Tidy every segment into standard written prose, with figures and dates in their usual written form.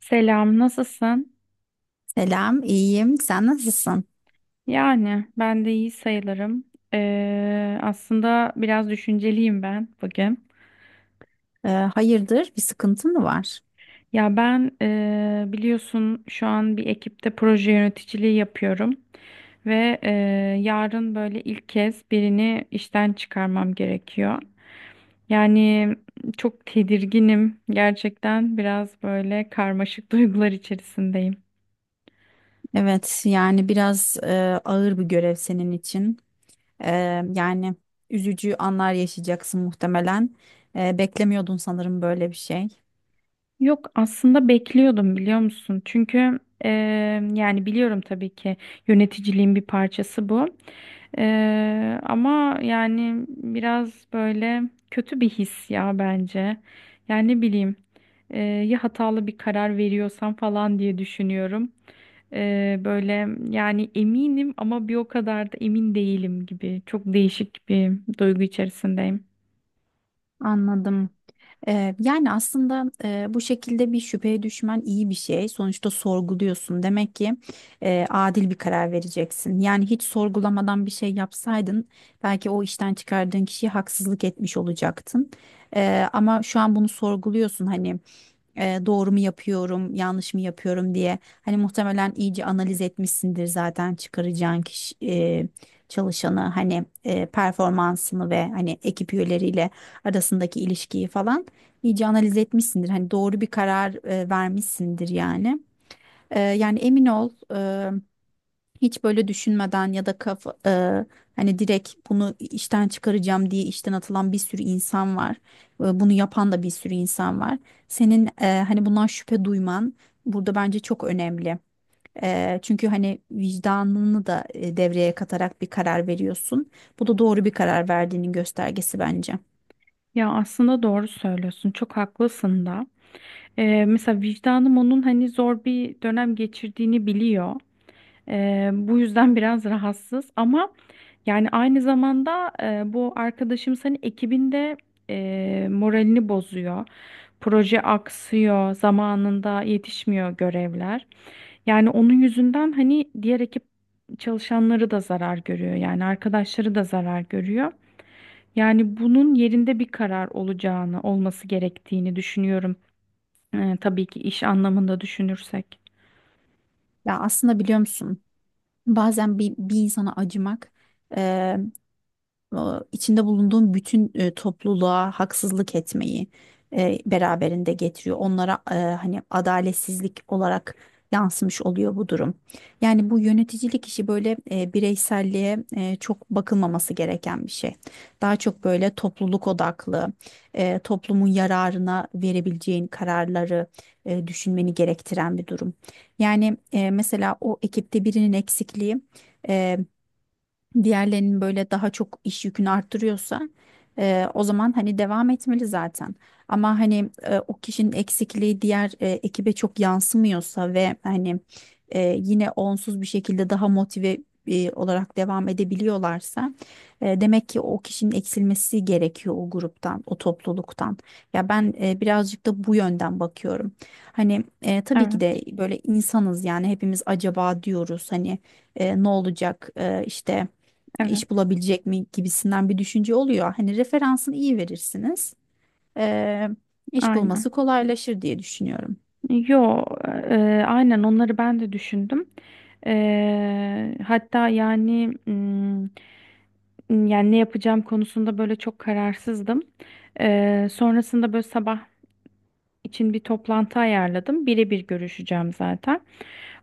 Selam, nasılsın? Selam, iyiyim. Sen nasılsın? Yani ben de iyi sayılırım. Aslında biraz düşünceliyim ben bugün. Hayırdır, bir sıkıntın mı var? Ya ben biliyorsun şu an bir ekipte proje yöneticiliği yapıyorum ve yarın böyle ilk kez birini işten çıkarmam gerekiyor. Yani çok tedirginim gerçekten biraz böyle karmaşık duygular içerisindeyim. Evet, yani biraz ağır bir görev senin için. Ee, Yani üzücü anlar yaşayacaksın muhtemelen. Beklemiyordun sanırım böyle bir şey. Yok aslında bekliyordum biliyor musun? Çünkü e, yani biliyorum tabii ki yöneticiliğin bir parçası bu. Ama yani biraz böyle kötü bir his ya bence. Yani ne bileyim ya hatalı bir karar veriyorsam falan diye düşünüyorum. Böyle yani eminim ama bir o kadar da emin değilim gibi çok değişik bir duygu içerisindeyim. Anladım. Yani aslında bu şekilde bir şüpheye düşmen iyi bir şey. Sonuçta sorguluyorsun. Demek ki adil bir karar vereceksin. Yani hiç sorgulamadan bir şey yapsaydın belki o işten çıkardığın kişiye haksızlık etmiş olacaktın. Ama şu an bunu sorguluyorsun, hani doğru mu yapıyorum, yanlış mı yapıyorum diye. Hani muhtemelen iyice analiz etmişsindir zaten çıkaracağın kişi, çalışanı, hani performansını ve hani ekip üyeleriyle arasındaki ilişkiyi falan iyice analiz etmişsindir. Hani doğru bir karar vermişsindir yani. Yani emin ol, hiç böyle düşünmeden ya da hani direkt bunu işten çıkaracağım diye işten atılan bir sürü insan var. Bunu yapan da bir sürü insan var. Senin hani bundan şüphe duyman burada bence çok önemli. Çünkü hani vicdanını da devreye katarak bir karar veriyorsun. Bu da doğru bir karar verdiğinin göstergesi bence. Ya aslında doğru söylüyorsun çok haklısın da. Mesela vicdanım onun hani zor bir dönem geçirdiğini biliyor. Bu yüzden biraz rahatsız ama yani aynı zamanda bu arkadaşım senin ekibinde moralini bozuyor. Proje aksıyor, zamanında yetişmiyor görevler. Yani onun yüzünden hani diğer ekip çalışanları da zarar görüyor. Yani arkadaşları da zarar görüyor. Yani bunun yerinde bir karar olacağını, olması gerektiğini düşünüyorum. Tabii ki iş anlamında düşünürsek. Ya aslında biliyor musun? Bazen bir insana acımak, e, e, içinde bulunduğun bütün topluluğa haksızlık etmeyi beraberinde getiriyor. Onlara hani adaletsizlik olarak yansımış oluyor bu durum. Yani bu yöneticilik işi böyle bireyselliğe çok bakılmaması gereken bir şey. Daha çok böyle topluluk odaklı, toplumun yararına verebileceğin kararları düşünmeni gerektiren bir durum. Yani mesela o ekipte birinin eksikliği e, diğerlerinin böyle daha çok iş yükünü arttırıyorsa, o zaman hani devam etmeli zaten. Ama hani o kişinin eksikliği diğer ekibe çok yansımıyorsa ve hani yine onsuz bir şekilde daha motive olarak devam edebiliyorlarsa, demek ki o kişinin eksilmesi gerekiyor o gruptan, o topluluktan. Ya ben birazcık da bu yönden bakıyorum. Hani tabii ki Evet, de böyle insanız, yani hepimiz acaba diyoruz, hani ne olacak, işte iş evet, bulabilecek mi gibisinden bir düşünce oluyor. Hani referansını iyi verirsiniz. Eee iş aynen. bulması kolaylaşır diye düşünüyorum. Yo, aynen onları ben de düşündüm. Hatta yani yani ne yapacağım konusunda böyle çok kararsızdım. Sonrasında böyle sabah için bir toplantı ayarladım. Birebir görüşeceğim zaten.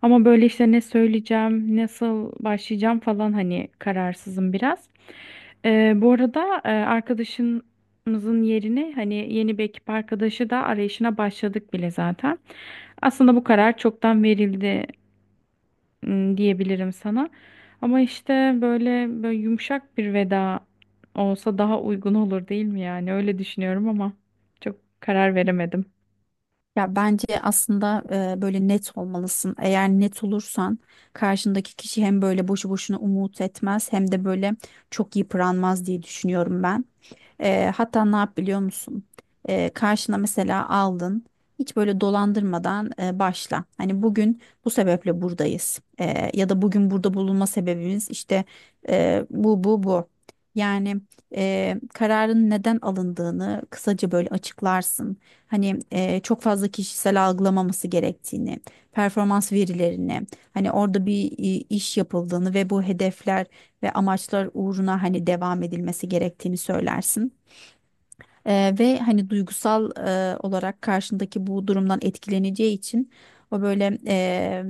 Ama böyle işte ne söyleyeceğim, nasıl başlayacağım falan hani kararsızım biraz. Bu arada arkadaşımızın yerine hani yeni bir ekip arkadaşı da arayışına başladık bile zaten. Aslında bu karar çoktan verildi diyebilirim sana. Ama işte böyle yumuşak bir veda olsa daha uygun olur değil mi yani? Öyle düşünüyorum ama çok karar veremedim. Ya bence aslında böyle net olmalısın. Eğer net olursan karşındaki kişi hem böyle boşu boşuna umut etmez hem de böyle çok yıpranmaz diye düşünüyorum ben. Hatta ne yap biliyor musun? Karşına mesela aldın. Hiç böyle dolandırmadan başla. Hani bugün bu sebeple buradayız. Ya da bugün burada bulunma sebebimiz işte bu bu bu. Yani kararın neden alındığını kısaca böyle açıklarsın. Hani çok fazla kişisel algılamaması gerektiğini, performans verilerini, hani orada bir iş yapıldığını ve bu hedefler ve amaçlar uğruna hani devam edilmesi gerektiğini söylersin. Ve hani duygusal olarak karşındaki bu durumdan etkileneceği için o böyle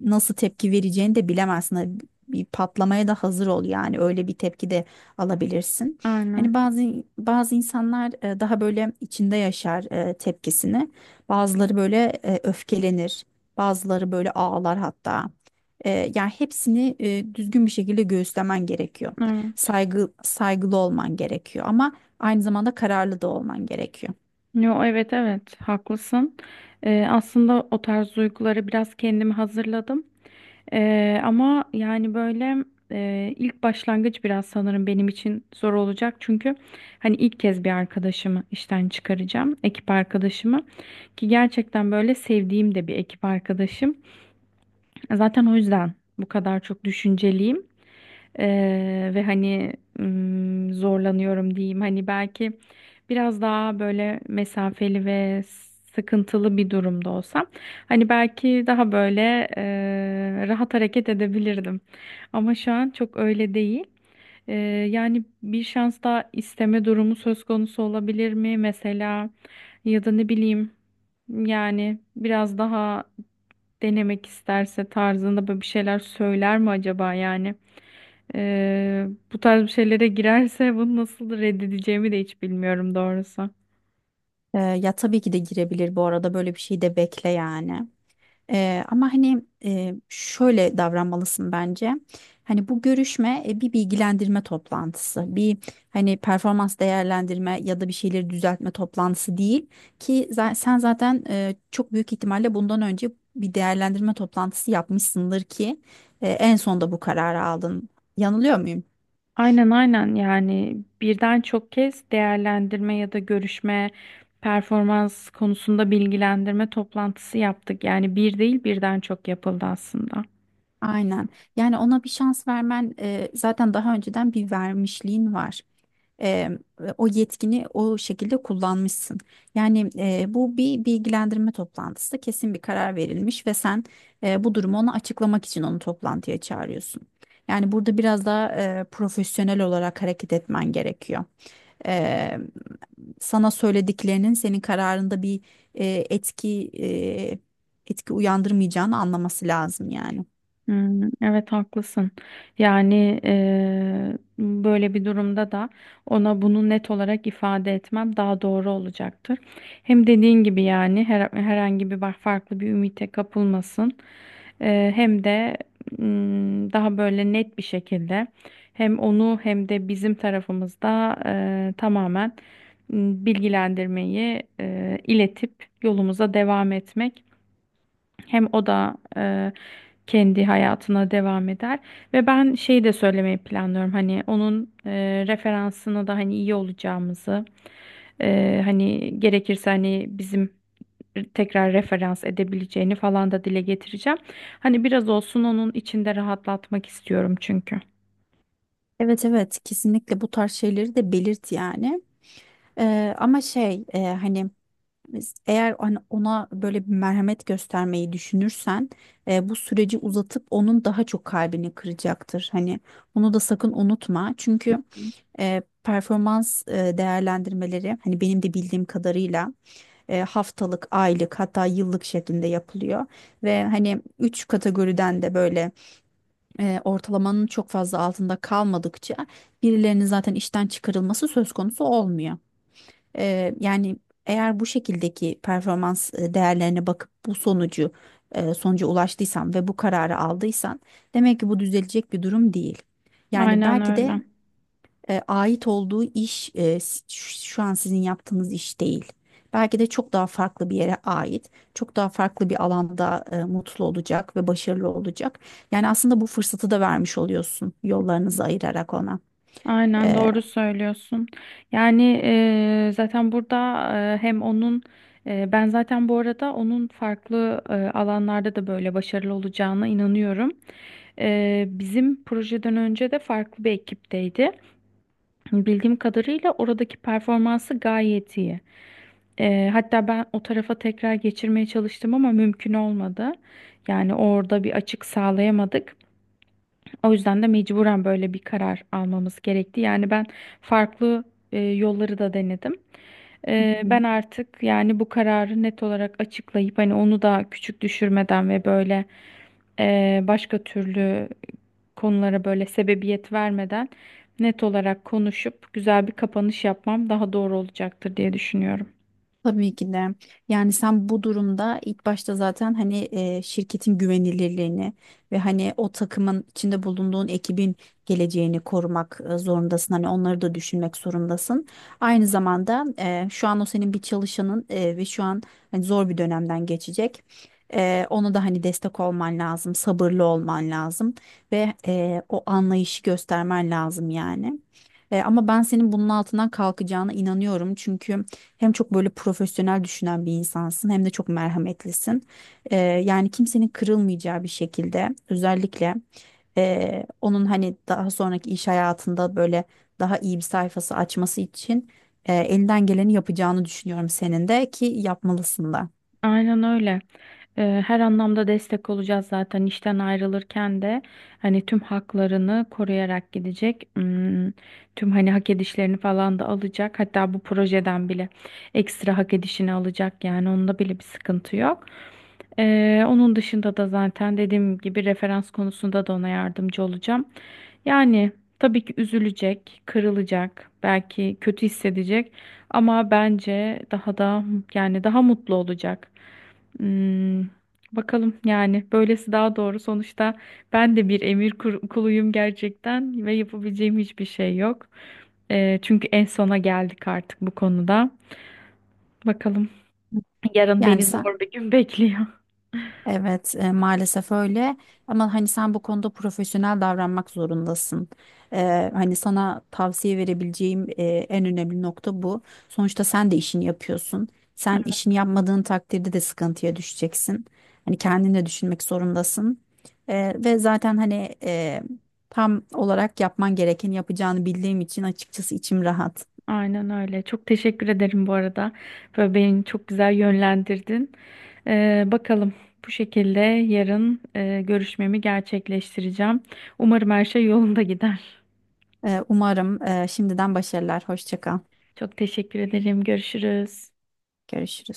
nasıl tepki vereceğini de bilemezsin. Hani bir patlamaya da hazır ol, yani öyle bir tepki de alabilirsin. Aynen. Hani bazı insanlar daha böyle içinde yaşar tepkisini. Bazıları böyle öfkelenir. Bazıları böyle ağlar hatta. Yani hepsini düzgün bir şekilde göğüslemen gerekiyor. Evet. Saygılı olman gerekiyor, ama aynı zamanda kararlı da olman gerekiyor. Yo, evet evet haklısın. Aslında o tarz duyguları biraz kendimi hazırladım. Ama yani böyle ilk başlangıç biraz sanırım benim için zor olacak. Çünkü hani ilk kez bir arkadaşımı işten çıkaracağım. Ekip arkadaşımı ki gerçekten böyle sevdiğim de bir ekip arkadaşım. Zaten o yüzden bu kadar çok düşünceliyim. Ve hani zorlanıyorum diyeyim. Hani belki biraz daha böyle mesafeli ve sıkıntılı bir durumda olsam hani belki daha böyle rahat hareket edebilirdim. Ama şu an çok öyle değil. Eee, Yani bir şans daha isteme durumu söz konusu olabilir mi mesela ya da ne bileyim yani biraz daha denemek isterse tarzında böyle bir şeyler söyler mi acaba yani? Ee, Bu tarz bir şeylere girerse bunu nasıl reddedeceğimi de hiç bilmiyorum doğrusu. Ya tabii ki de girebilir, bu arada böyle bir şey de bekle yani. Ama hani şöyle davranmalısın bence. Hani bu görüşme bir bilgilendirme toplantısı, bir hani performans değerlendirme ya da bir şeyleri düzeltme toplantısı değil ki sen zaten çok büyük ihtimalle bundan önce bir değerlendirme toplantısı yapmışsındır ki en sonda bu kararı aldın. Yanılıyor muyum? Aynen aynen yani birden çok kez değerlendirme ya da görüşme performans konusunda bilgilendirme toplantısı yaptık. Yani bir değil birden çok yapıldı aslında. Aynen. Yani ona bir şans vermen zaten daha önceden bir vermişliğin var. e, O yetkini o şekilde kullanmışsın. Yani bu bir bilgilendirme toplantısı, kesin bir karar verilmiş ve sen bu durumu ona açıklamak için onu toplantıya çağırıyorsun. Yani burada biraz daha profesyonel olarak hareket etmen gerekiyor. E, Sana söylediklerinin senin kararında bir e, etki e, etki uyandırmayacağını anlaması lazım yani. Hmm, evet haklısın. Yani böyle bir durumda da ona bunu net olarak ifade etmem daha doğru olacaktır. Hem dediğin gibi yani herhangi bir bak farklı bir ümite kapılmasın. Hem de daha böyle net bir şekilde hem onu hem de bizim tarafımızda tamamen bilgilendirmeyi iletip yolumuza devam etmek. Hem o da kendi hayatına devam eder ve ben şeyi de söylemeyi planlıyorum hani onun referansını da hani iyi olacağımızı hani gerekirse hani bizim tekrar referans edebileceğini falan da dile getireceğim. Hani biraz olsun onun içinde rahatlatmak istiyorum çünkü. Evet evet, kesinlikle bu tarz şeyleri de belirt yani. Ama şey, hani eğer hani ona böyle bir merhamet göstermeyi düşünürsen bu süreci uzatıp onun daha çok kalbini kıracaktır. Hani onu da sakın unutma. Çünkü performans değerlendirmeleri, hani benim de bildiğim kadarıyla, haftalık, aylık, hatta yıllık şeklinde yapılıyor. Ve hani üç kategoriden de böyle ortalamanın çok fazla altında kalmadıkça birilerinin zaten işten çıkarılması söz konusu olmuyor. Yani eğer bu şekildeki performans değerlerine bakıp bu sonucu sonuca ulaştıysan ve bu kararı aldıysan, demek ki bu düzelecek bir durum değil. Yani Aynen belki de öyle. Ait olduğu iş, şu an sizin yaptığınız iş değil. Belki de çok daha farklı bir yere ait, çok daha farklı bir alanda mutlu olacak ve başarılı olacak. Yani aslında bu fırsatı da vermiş oluyorsun yollarınızı ayırarak ona. Aynen E, doğru söylüyorsun. Yani zaten burada hem onun ben zaten bu arada onun farklı alanlarda da böyle başarılı olacağına inanıyorum. Bizim projeden önce de farklı bir ekipteydi. Bildiğim kadarıyla oradaki performansı gayet iyi. Hatta ben o tarafa tekrar geçirmeye çalıştım ama mümkün olmadı. Yani orada bir açık sağlayamadık. O yüzden de mecburen böyle bir karar almamız gerekti. Yani ben farklı yolları da denedim. Hı Ben hı. artık yani bu kararı net olarak açıklayıp hani onu da küçük düşürmeden ve böyle başka türlü konulara böyle sebebiyet vermeden net olarak konuşup güzel bir kapanış yapmam daha doğru olacaktır diye düşünüyorum. Tabii ki de. Yani sen bu durumda ilk başta zaten hani şirketin güvenilirliğini ve hani o takımın içinde bulunduğun ekibin geleceğini korumak zorundasın. Hani onları da düşünmek zorundasın. Aynı zamanda şu an o senin bir çalışanın ve şu an hani zor bir dönemden geçecek. Ona da hani destek olman lazım, sabırlı olman lazım ve o anlayışı göstermen lazım yani. Ama ben senin bunun altından kalkacağına inanıyorum çünkü. Hem çok böyle profesyonel düşünen bir insansın hem de çok merhametlisin. Yani kimsenin kırılmayacağı bir şekilde, özellikle onun hani daha sonraki iş hayatında böyle daha iyi bir sayfası açması için elinden geleni yapacağını düşünüyorum, senin de ki yapmalısın da. Aynen öyle. Her anlamda destek olacağız zaten işten ayrılırken de hani tüm haklarını koruyarak gidecek. Hmm, tüm hani hak edişlerini falan da alacak. Hatta bu projeden bile ekstra hak edişini alacak yani onda bile bir sıkıntı yok. Onun dışında da zaten dediğim gibi referans konusunda da ona yardımcı olacağım. Yani tabii ki üzülecek, kırılacak, belki kötü hissedecek ama bence daha da yani daha mutlu olacak. Hmm, bakalım yani böylesi daha doğru. Sonuçta ben de bir emir kuluyum gerçekten ve yapabileceğim hiçbir şey yok. Çünkü en sona geldik artık bu konuda. Bakalım yarın Yani beni sen zor bir gün bekliyor. evet, maalesef öyle. Ama hani sen bu konuda profesyonel davranmak zorundasın. Hani sana tavsiye verebileceğim en önemli nokta bu. Sonuçta sen de işini yapıyorsun. Sen işini yapmadığın takdirde de sıkıntıya düşeceksin. Hani kendini de düşünmek zorundasın. Ve zaten hani tam olarak yapman gerekeni yapacağını bildiğim için açıkçası içim rahat. Aynen öyle. Çok teşekkür ederim bu arada. Böyle beni çok güzel yönlendirdin. Bakalım bu şekilde yarın görüşmemi gerçekleştireceğim. Umarım her şey yolunda gider. Umarım şimdiden başarılar. Hoşça kal. Çok teşekkür ederim. Görüşürüz. Görüşürüz.